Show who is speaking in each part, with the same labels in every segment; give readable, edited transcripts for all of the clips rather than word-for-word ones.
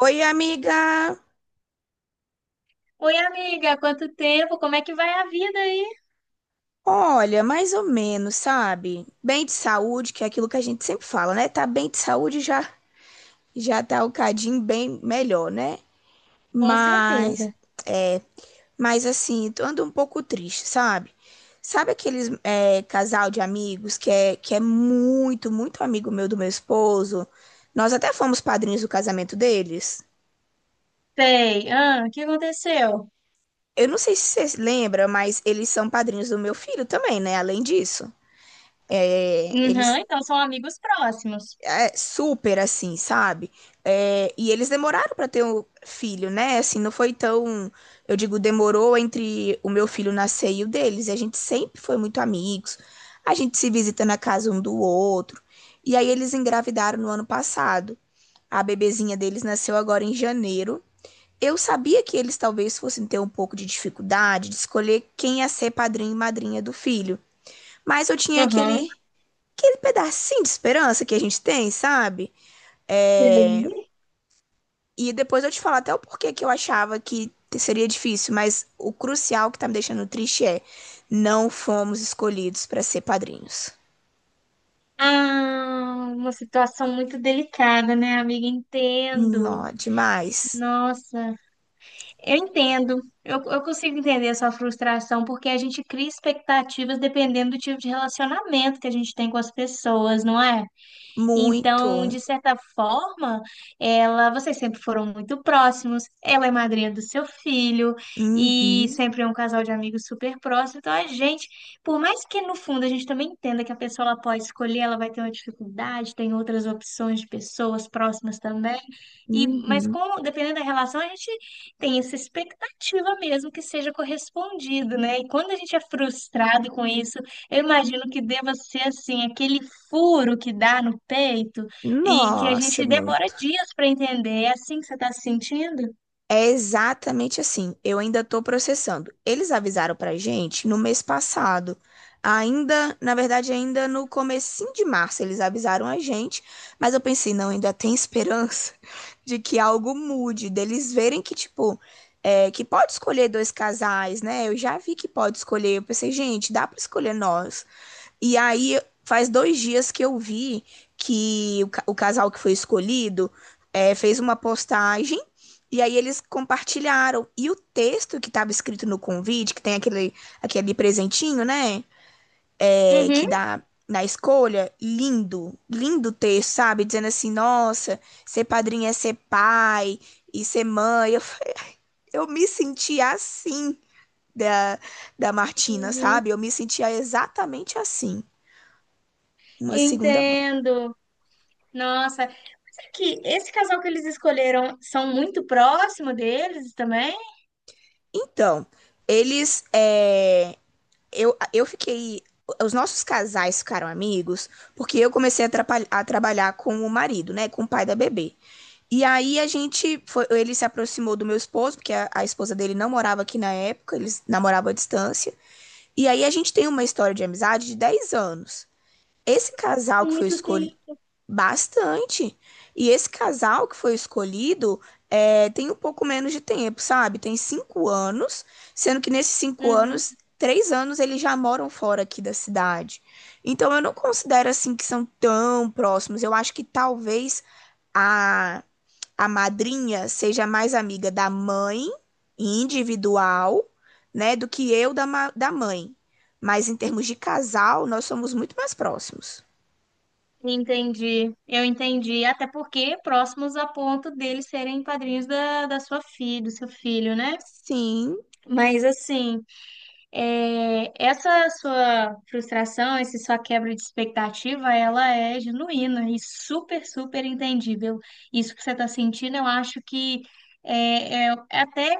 Speaker 1: Oi, amiga.
Speaker 2: Oi, amiga, quanto tempo? Como é que vai a vida aí?
Speaker 1: Olha, mais ou menos, sabe? Bem de saúde, que é aquilo que a gente sempre fala, né? Tá bem de saúde já tá o cadinho bem melhor, né?
Speaker 2: Com
Speaker 1: Mas
Speaker 2: certeza.
Speaker 1: é, mas assim, tô ando um pouco triste, sabe? Sabe aqueles casal de amigos que é muito, muito amigo meu do meu esposo? Nós até fomos padrinhos do casamento deles.
Speaker 2: Sei. Ah, o que aconteceu?
Speaker 1: Eu não sei se você lembra, mas eles são padrinhos do meu filho também, né? Além disso, É,
Speaker 2: Uhum,
Speaker 1: eles
Speaker 2: então são amigos próximos.
Speaker 1: É, super assim, sabe? É, e eles demoraram pra ter um filho, né? Assim, não foi tão. Eu digo, demorou entre o meu filho nascer e o deles. E a gente sempre foi muito amigos. A gente se visita na casa um do outro. E aí eles engravidaram no ano passado. A bebezinha deles nasceu agora em janeiro. Eu sabia que eles talvez fossem ter um pouco de dificuldade de escolher quem ia ser padrinho e madrinha do filho. Mas eu tinha
Speaker 2: Uhum.
Speaker 1: aquele pedacinho de esperança que a gente tem, sabe? É,
Speaker 2: Sei.
Speaker 1: e depois eu te falo até o porquê que eu achava que seria difícil, mas o crucial que tá me deixando triste é não fomos escolhidos para ser padrinhos.
Speaker 2: Ah, uma situação muito delicada, né, amiga? Entendo.
Speaker 1: Nó, demais.
Speaker 2: Nossa, eu entendo. Eu consigo entender a sua frustração, porque a gente cria expectativas dependendo do tipo de relacionamento que a gente tem com as pessoas, não é? Então,
Speaker 1: Muito.
Speaker 2: de certa forma, ela, vocês sempre foram muito próximos. Ela é madrinha do seu filho e
Speaker 1: Uhum,
Speaker 2: sempre é um casal de amigos super próximo. Então, a gente, por mais que no fundo a gente também entenda que a pessoa ela pode escolher, ela vai ter uma dificuldade, tem outras opções de pessoas próximas também. E, mas
Speaker 1: uhum.
Speaker 2: com, dependendo da relação, a gente tem essa expectativa mesmo que seja correspondido, né? E quando a gente é frustrado com isso, eu imagino que deva ser assim, aquele furo que dá no peito e que a
Speaker 1: Nossa,
Speaker 2: gente demora
Speaker 1: muito.
Speaker 2: dias para entender. É assim que você está se sentindo?
Speaker 1: É exatamente assim. Eu ainda estou processando. Eles avisaram para gente no mês passado. Ainda, na verdade, ainda no comecinho de março eles avisaram a gente, mas eu pensei, não, ainda tem esperança de que algo mude, deles verem que, tipo, que pode escolher dois casais, né? Eu já vi que pode escolher. Eu pensei, gente, dá para escolher nós. E aí, faz dois dias que eu vi que o casal que foi escolhido fez uma postagem e aí eles compartilharam. E o texto que estava escrito no convite, que tem aquele presentinho, né? É, que
Speaker 2: Uhum,
Speaker 1: dá na escolha, lindo, lindo texto, sabe? Dizendo assim, nossa, ser padrinho é ser pai e ser mãe. Eu me senti assim da, da Martina,
Speaker 2: uhum,
Speaker 1: sabe? Eu me sentia exatamente assim, uma segunda mãe.
Speaker 2: entendo. Nossa, que esse casal que eles escolheram são muito próximo deles também?
Speaker 1: Então, eles. é, eu fiquei. Os nossos casais ficaram amigos porque eu comecei a trabalhar com o marido, né? Com o pai da bebê. E aí a gente foi, ele se aproximou do meu esposo, porque a esposa dele não morava aqui na época, eles namoravam à distância. E aí a gente tem uma história de amizade de 10 anos. Esse casal que foi
Speaker 2: Muito
Speaker 1: escol
Speaker 2: tempo.
Speaker 1: Bastante. E esse casal que foi escolhido tem um pouco menos de tempo, sabe? Tem 5 anos, sendo que nesses cinco
Speaker 2: Uhum,
Speaker 1: anos, 3 anos eles já moram fora aqui da cidade. Então eu não considero assim que são tão próximos. Eu acho que talvez a, a madrinha seja mais amiga da mãe individual, né, do que eu da mãe. Mas em termos de casal, nós somos muito mais próximos.
Speaker 2: entendi, eu entendi. Até porque próximos a ponto deles serem padrinhos da, da sua filha, do seu filho, né?
Speaker 1: Sim.
Speaker 2: Mas assim. É, essa sua frustração, essa sua quebra de expectativa, ela é genuína e super, super entendível. Isso que você está sentindo, eu acho que é até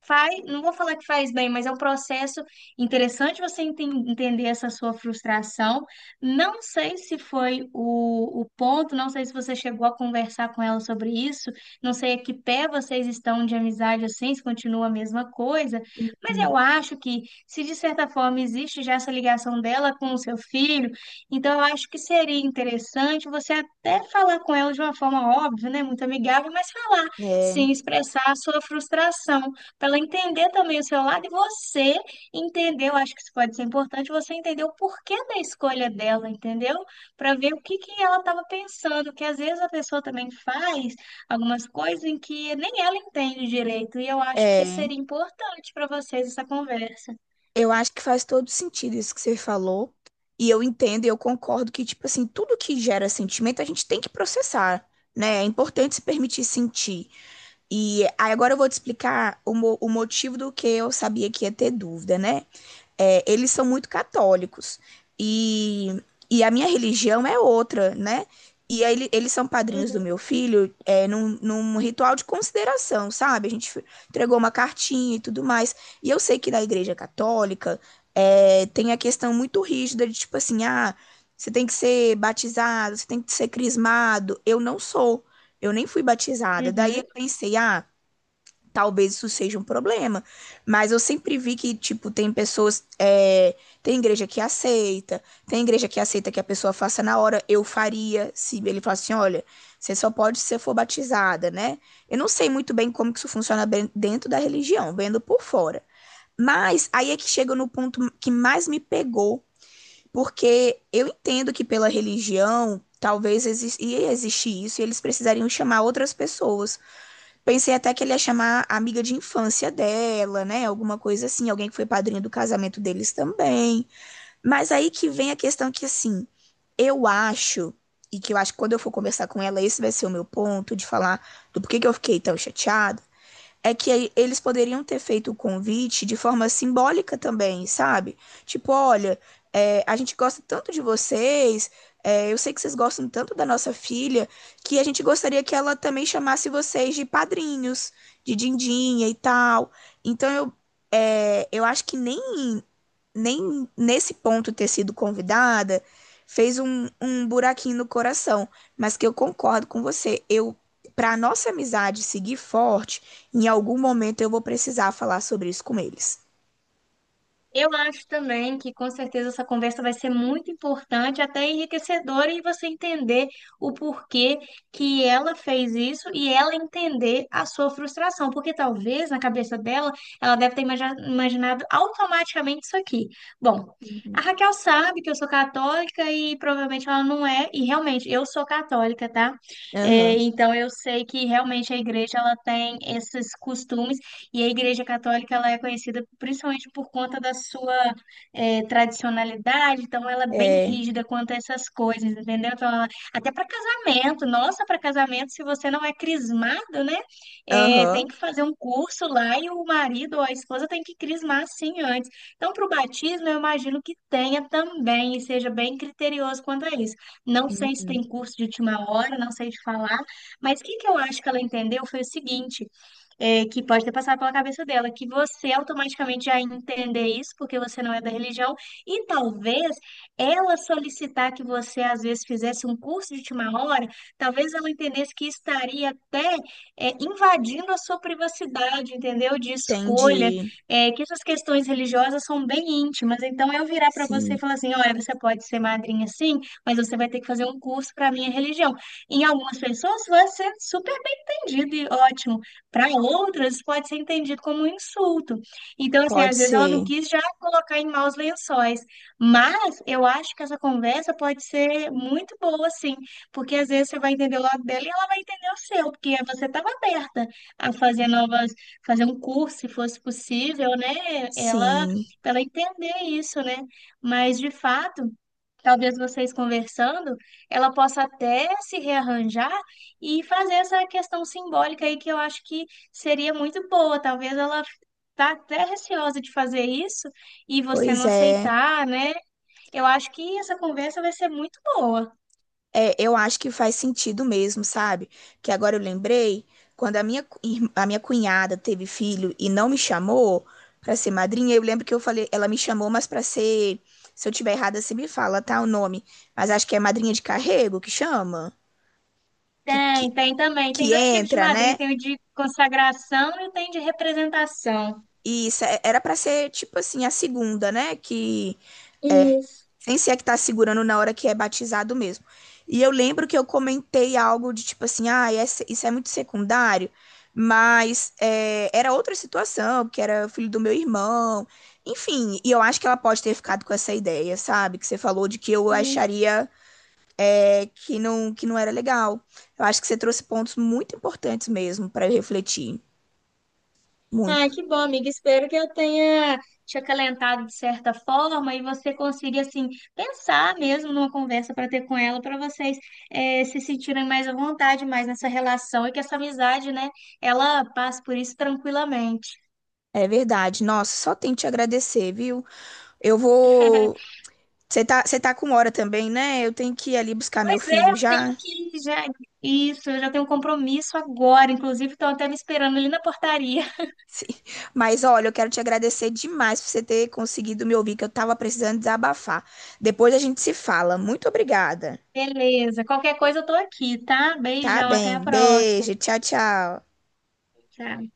Speaker 2: faz, não vou falar que faz bem, mas é um processo interessante você entender essa sua frustração. Não sei se foi o ponto, não sei se você chegou a conversar com ela sobre isso, não sei a que pé vocês estão de amizade assim, se continua a mesma coisa, mas eu acho que, se de certa forma existe já essa ligação dela com o seu filho, então eu acho que seria interessante você até falar com ela de uma forma óbvia, né, muito amigável, mas falar,
Speaker 1: É,
Speaker 2: sim, expressar a sua frustração. Para ela entender também o seu lado e você entender, eu acho que isso pode ser importante, você entender o porquê da escolha dela, entendeu? Para ver o que que ela estava pensando, que às vezes a pessoa também faz algumas coisas em que nem ela entende direito, e eu acho que
Speaker 1: é,
Speaker 2: seria importante para vocês essa conversa.
Speaker 1: eu acho que faz todo sentido isso que você falou. E eu entendo e eu concordo que, tipo assim, tudo que gera sentimento a gente tem que processar, né? É importante se permitir sentir. E aí agora eu vou te explicar o motivo do que eu sabia que ia ter dúvida, né? É, eles são muito católicos. E, e a minha religião é outra, né? E aí, eles são padrinhos do meu filho num ritual de consideração, sabe? A gente entregou uma cartinha e tudo mais. E eu sei que na igreja católica tem a questão muito rígida de tipo assim, ah, você tem que ser batizado, você tem que ser crismado. Eu não sou, eu nem fui batizada. Daí eu
Speaker 2: Uhum.
Speaker 1: pensei, ah, talvez isso seja um problema. Mas eu sempre vi que, tipo, tem pessoas. Tem igreja que aceita, tem igreja que aceita que a pessoa faça na hora. Eu faria se ele falasse assim: olha, você só pode se você for batizada, né? Eu não sei muito bem como que isso funciona dentro da religião, vendo por fora. Mas aí é que chega no ponto que mais me pegou, porque eu entendo que pela religião. Talvez ia existir isso e eles precisariam chamar outras pessoas. Pensei até que ele ia chamar a amiga de infância dela, né? Alguma coisa assim, alguém que foi padrinho do casamento deles também. Mas aí que vem a questão que, assim, eu acho, e que eu acho que quando eu for conversar com ela, esse vai ser o meu ponto de falar do porquê que eu fiquei tão chateada é que eles poderiam ter feito o convite de forma simbólica também, sabe? Tipo, olha, a gente gosta tanto de vocês, é, eu sei que vocês gostam tanto da nossa filha, que a gente gostaria que ela também chamasse vocês de padrinhos, de dindinha e tal. Então eu acho que nem nesse ponto ter sido convidada fez um buraquinho no coração, mas que eu concordo com você. Eu, para nossa amizade seguir forte, em algum momento eu vou precisar falar sobre isso com eles.
Speaker 2: Eu acho também que com certeza essa conversa vai ser muito importante, até enriquecedora, e você entender o porquê que ela fez isso e ela entender a sua frustração, porque talvez na cabeça dela ela deve ter imaginado automaticamente isso aqui. Bom, a
Speaker 1: Uhum.
Speaker 2: Raquel sabe que eu sou católica e provavelmente ela não é, e realmente eu sou católica, tá? É,
Speaker 1: Aham.
Speaker 2: então eu sei que realmente a igreja ela tem esses costumes. E a Igreja Católica ela é conhecida principalmente por conta da sua tradicionalidade, então ela é bem
Speaker 1: É.
Speaker 2: rígida quanto a essas coisas, entendeu? Então, ela- até para casamento, nossa, para casamento, se você não é crismado, né?
Speaker 1: Aham.
Speaker 2: Tem que fazer um curso lá e o marido ou a esposa tem que crismar sim antes. Então, para o batismo, eu imagino que tenha também e seja bem criterioso quanto a isso. Não sei se
Speaker 1: Uhum.
Speaker 2: tem curso de última hora, não sei te falar, mas o que que eu acho que ela entendeu foi o seguinte é, que pode ter passado pela cabeça dela, que você automaticamente já entender isso, porque você não é da religião, e talvez ela solicitar que você, às vezes, fizesse um curso de última hora, talvez ela entendesse que estaria até é, invadindo a sua privacidade, entendeu? De escolha,
Speaker 1: Entendi.
Speaker 2: é, que essas questões religiosas são bem íntimas. Então, eu virar para você e
Speaker 1: Sim,
Speaker 2: falar assim: olha, você pode ser madrinha sim, mas você vai ter que fazer um curso para a minha religião. Em algumas pessoas vai ser super bem entendido e ótimo. Para outras, isso pode ser entendido como um insulto. Então, assim,
Speaker 1: pode
Speaker 2: às vezes ela não
Speaker 1: ser.
Speaker 2: quis já colocar em maus lençóis. Mas eu acho que essa conversa pode ser muito boa, assim, porque às vezes você vai entender o lado dela e ela vai entender o seu, porque você estava aberta a fazer novas, fazer um curso, se fosse possível, né? Ela,
Speaker 1: Sim,
Speaker 2: para ela entender isso, né? Mas de fato. Talvez vocês conversando, ela possa até se rearranjar e fazer essa questão simbólica aí que eu acho que seria muito boa. Talvez ela tá até receosa de fazer isso e você
Speaker 1: pois
Speaker 2: não
Speaker 1: é.
Speaker 2: aceitar, né? Eu acho que essa conversa vai ser muito boa.
Speaker 1: É, eu acho que faz sentido mesmo, sabe? Que agora eu lembrei, quando a minha cunhada teve filho e não me chamou pra ser madrinha, eu lembro que eu falei, ela me chamou, mas pra ser, se eu tiver errada, você me fala, tá, o nome. Mas acho que é madrinha de carrego que chama, que,
Speaker 2: Tem,
Speaker 1: que,
Speaker 2: tem também. Tem
Speaker 1: que
Speaker 2: dois tipos de
Speaker 1: entra,
Speaker 2: madrinha,
Speaker 1: né?
Speaker 2: tem o de consagração e tem o de representação.
Speaker 1: E isso era pra ser tipo assim a segunda, né? Que
Speaker 2: Isso.
Speaker 1: sem ser a que tá segurando na hora que é batizado mesmo. E eu lembro que eu comentei algo de tipo assim, ah, isso é muito secundário, mas era outra situação, porque era o filho do meu irmão. Enfim, e eu acho que ela pode ter ficado com essa ideia, sabe? Que você falou de que eu
Speaker 2: Sim.
Speaker 1: acharia que não era legal. Eu acho que você trouxe pontos muito importantes mesmo para eu refletir.
Speaker 2: Ah,
Speaker 1: Muito.
Speaker 2: que bom, amiga. Espero que eu tenha te acalentado de certa forma e você consiga, assim, pensar mesmo numa conversa para ter com ela, para vocês se sentirem mais à vontade, mais nessa relação e que essa amizade, né, ela passe por isso tranquilamente.
Speaker 1: É verdade. Nossa, só tenho que te agradecer, viu? Eu vou. Você tá com hora também, né? Eu tenho que ir ali buscar meu
Speaker 2: Pois é,
Speaker 1: filho
Speaker 2: eu tenho
Speaker 1: já.
Speaker 2: que já. Isso, eu já tenho um compromisso agora. Inclusive, estão até me esperando ali na portaria.
Speaker 1: Sim. Mas olha, eu quero te agradecer demais por você ter conseguido me ouvir, que eu tava precisando desabafar. Depois a gente se fala. Muito obrigada.
Speaker 2: Beleza, qualquer coisa eu tô aqui, tá?
Speaker 1: Tá
Speaker 2: Beijão, até a
Speaker 1: bem.
Speaker 2: próxima.
Speaker 1: Beijo. Tchau, tchau.
Speaker 2: Tchau.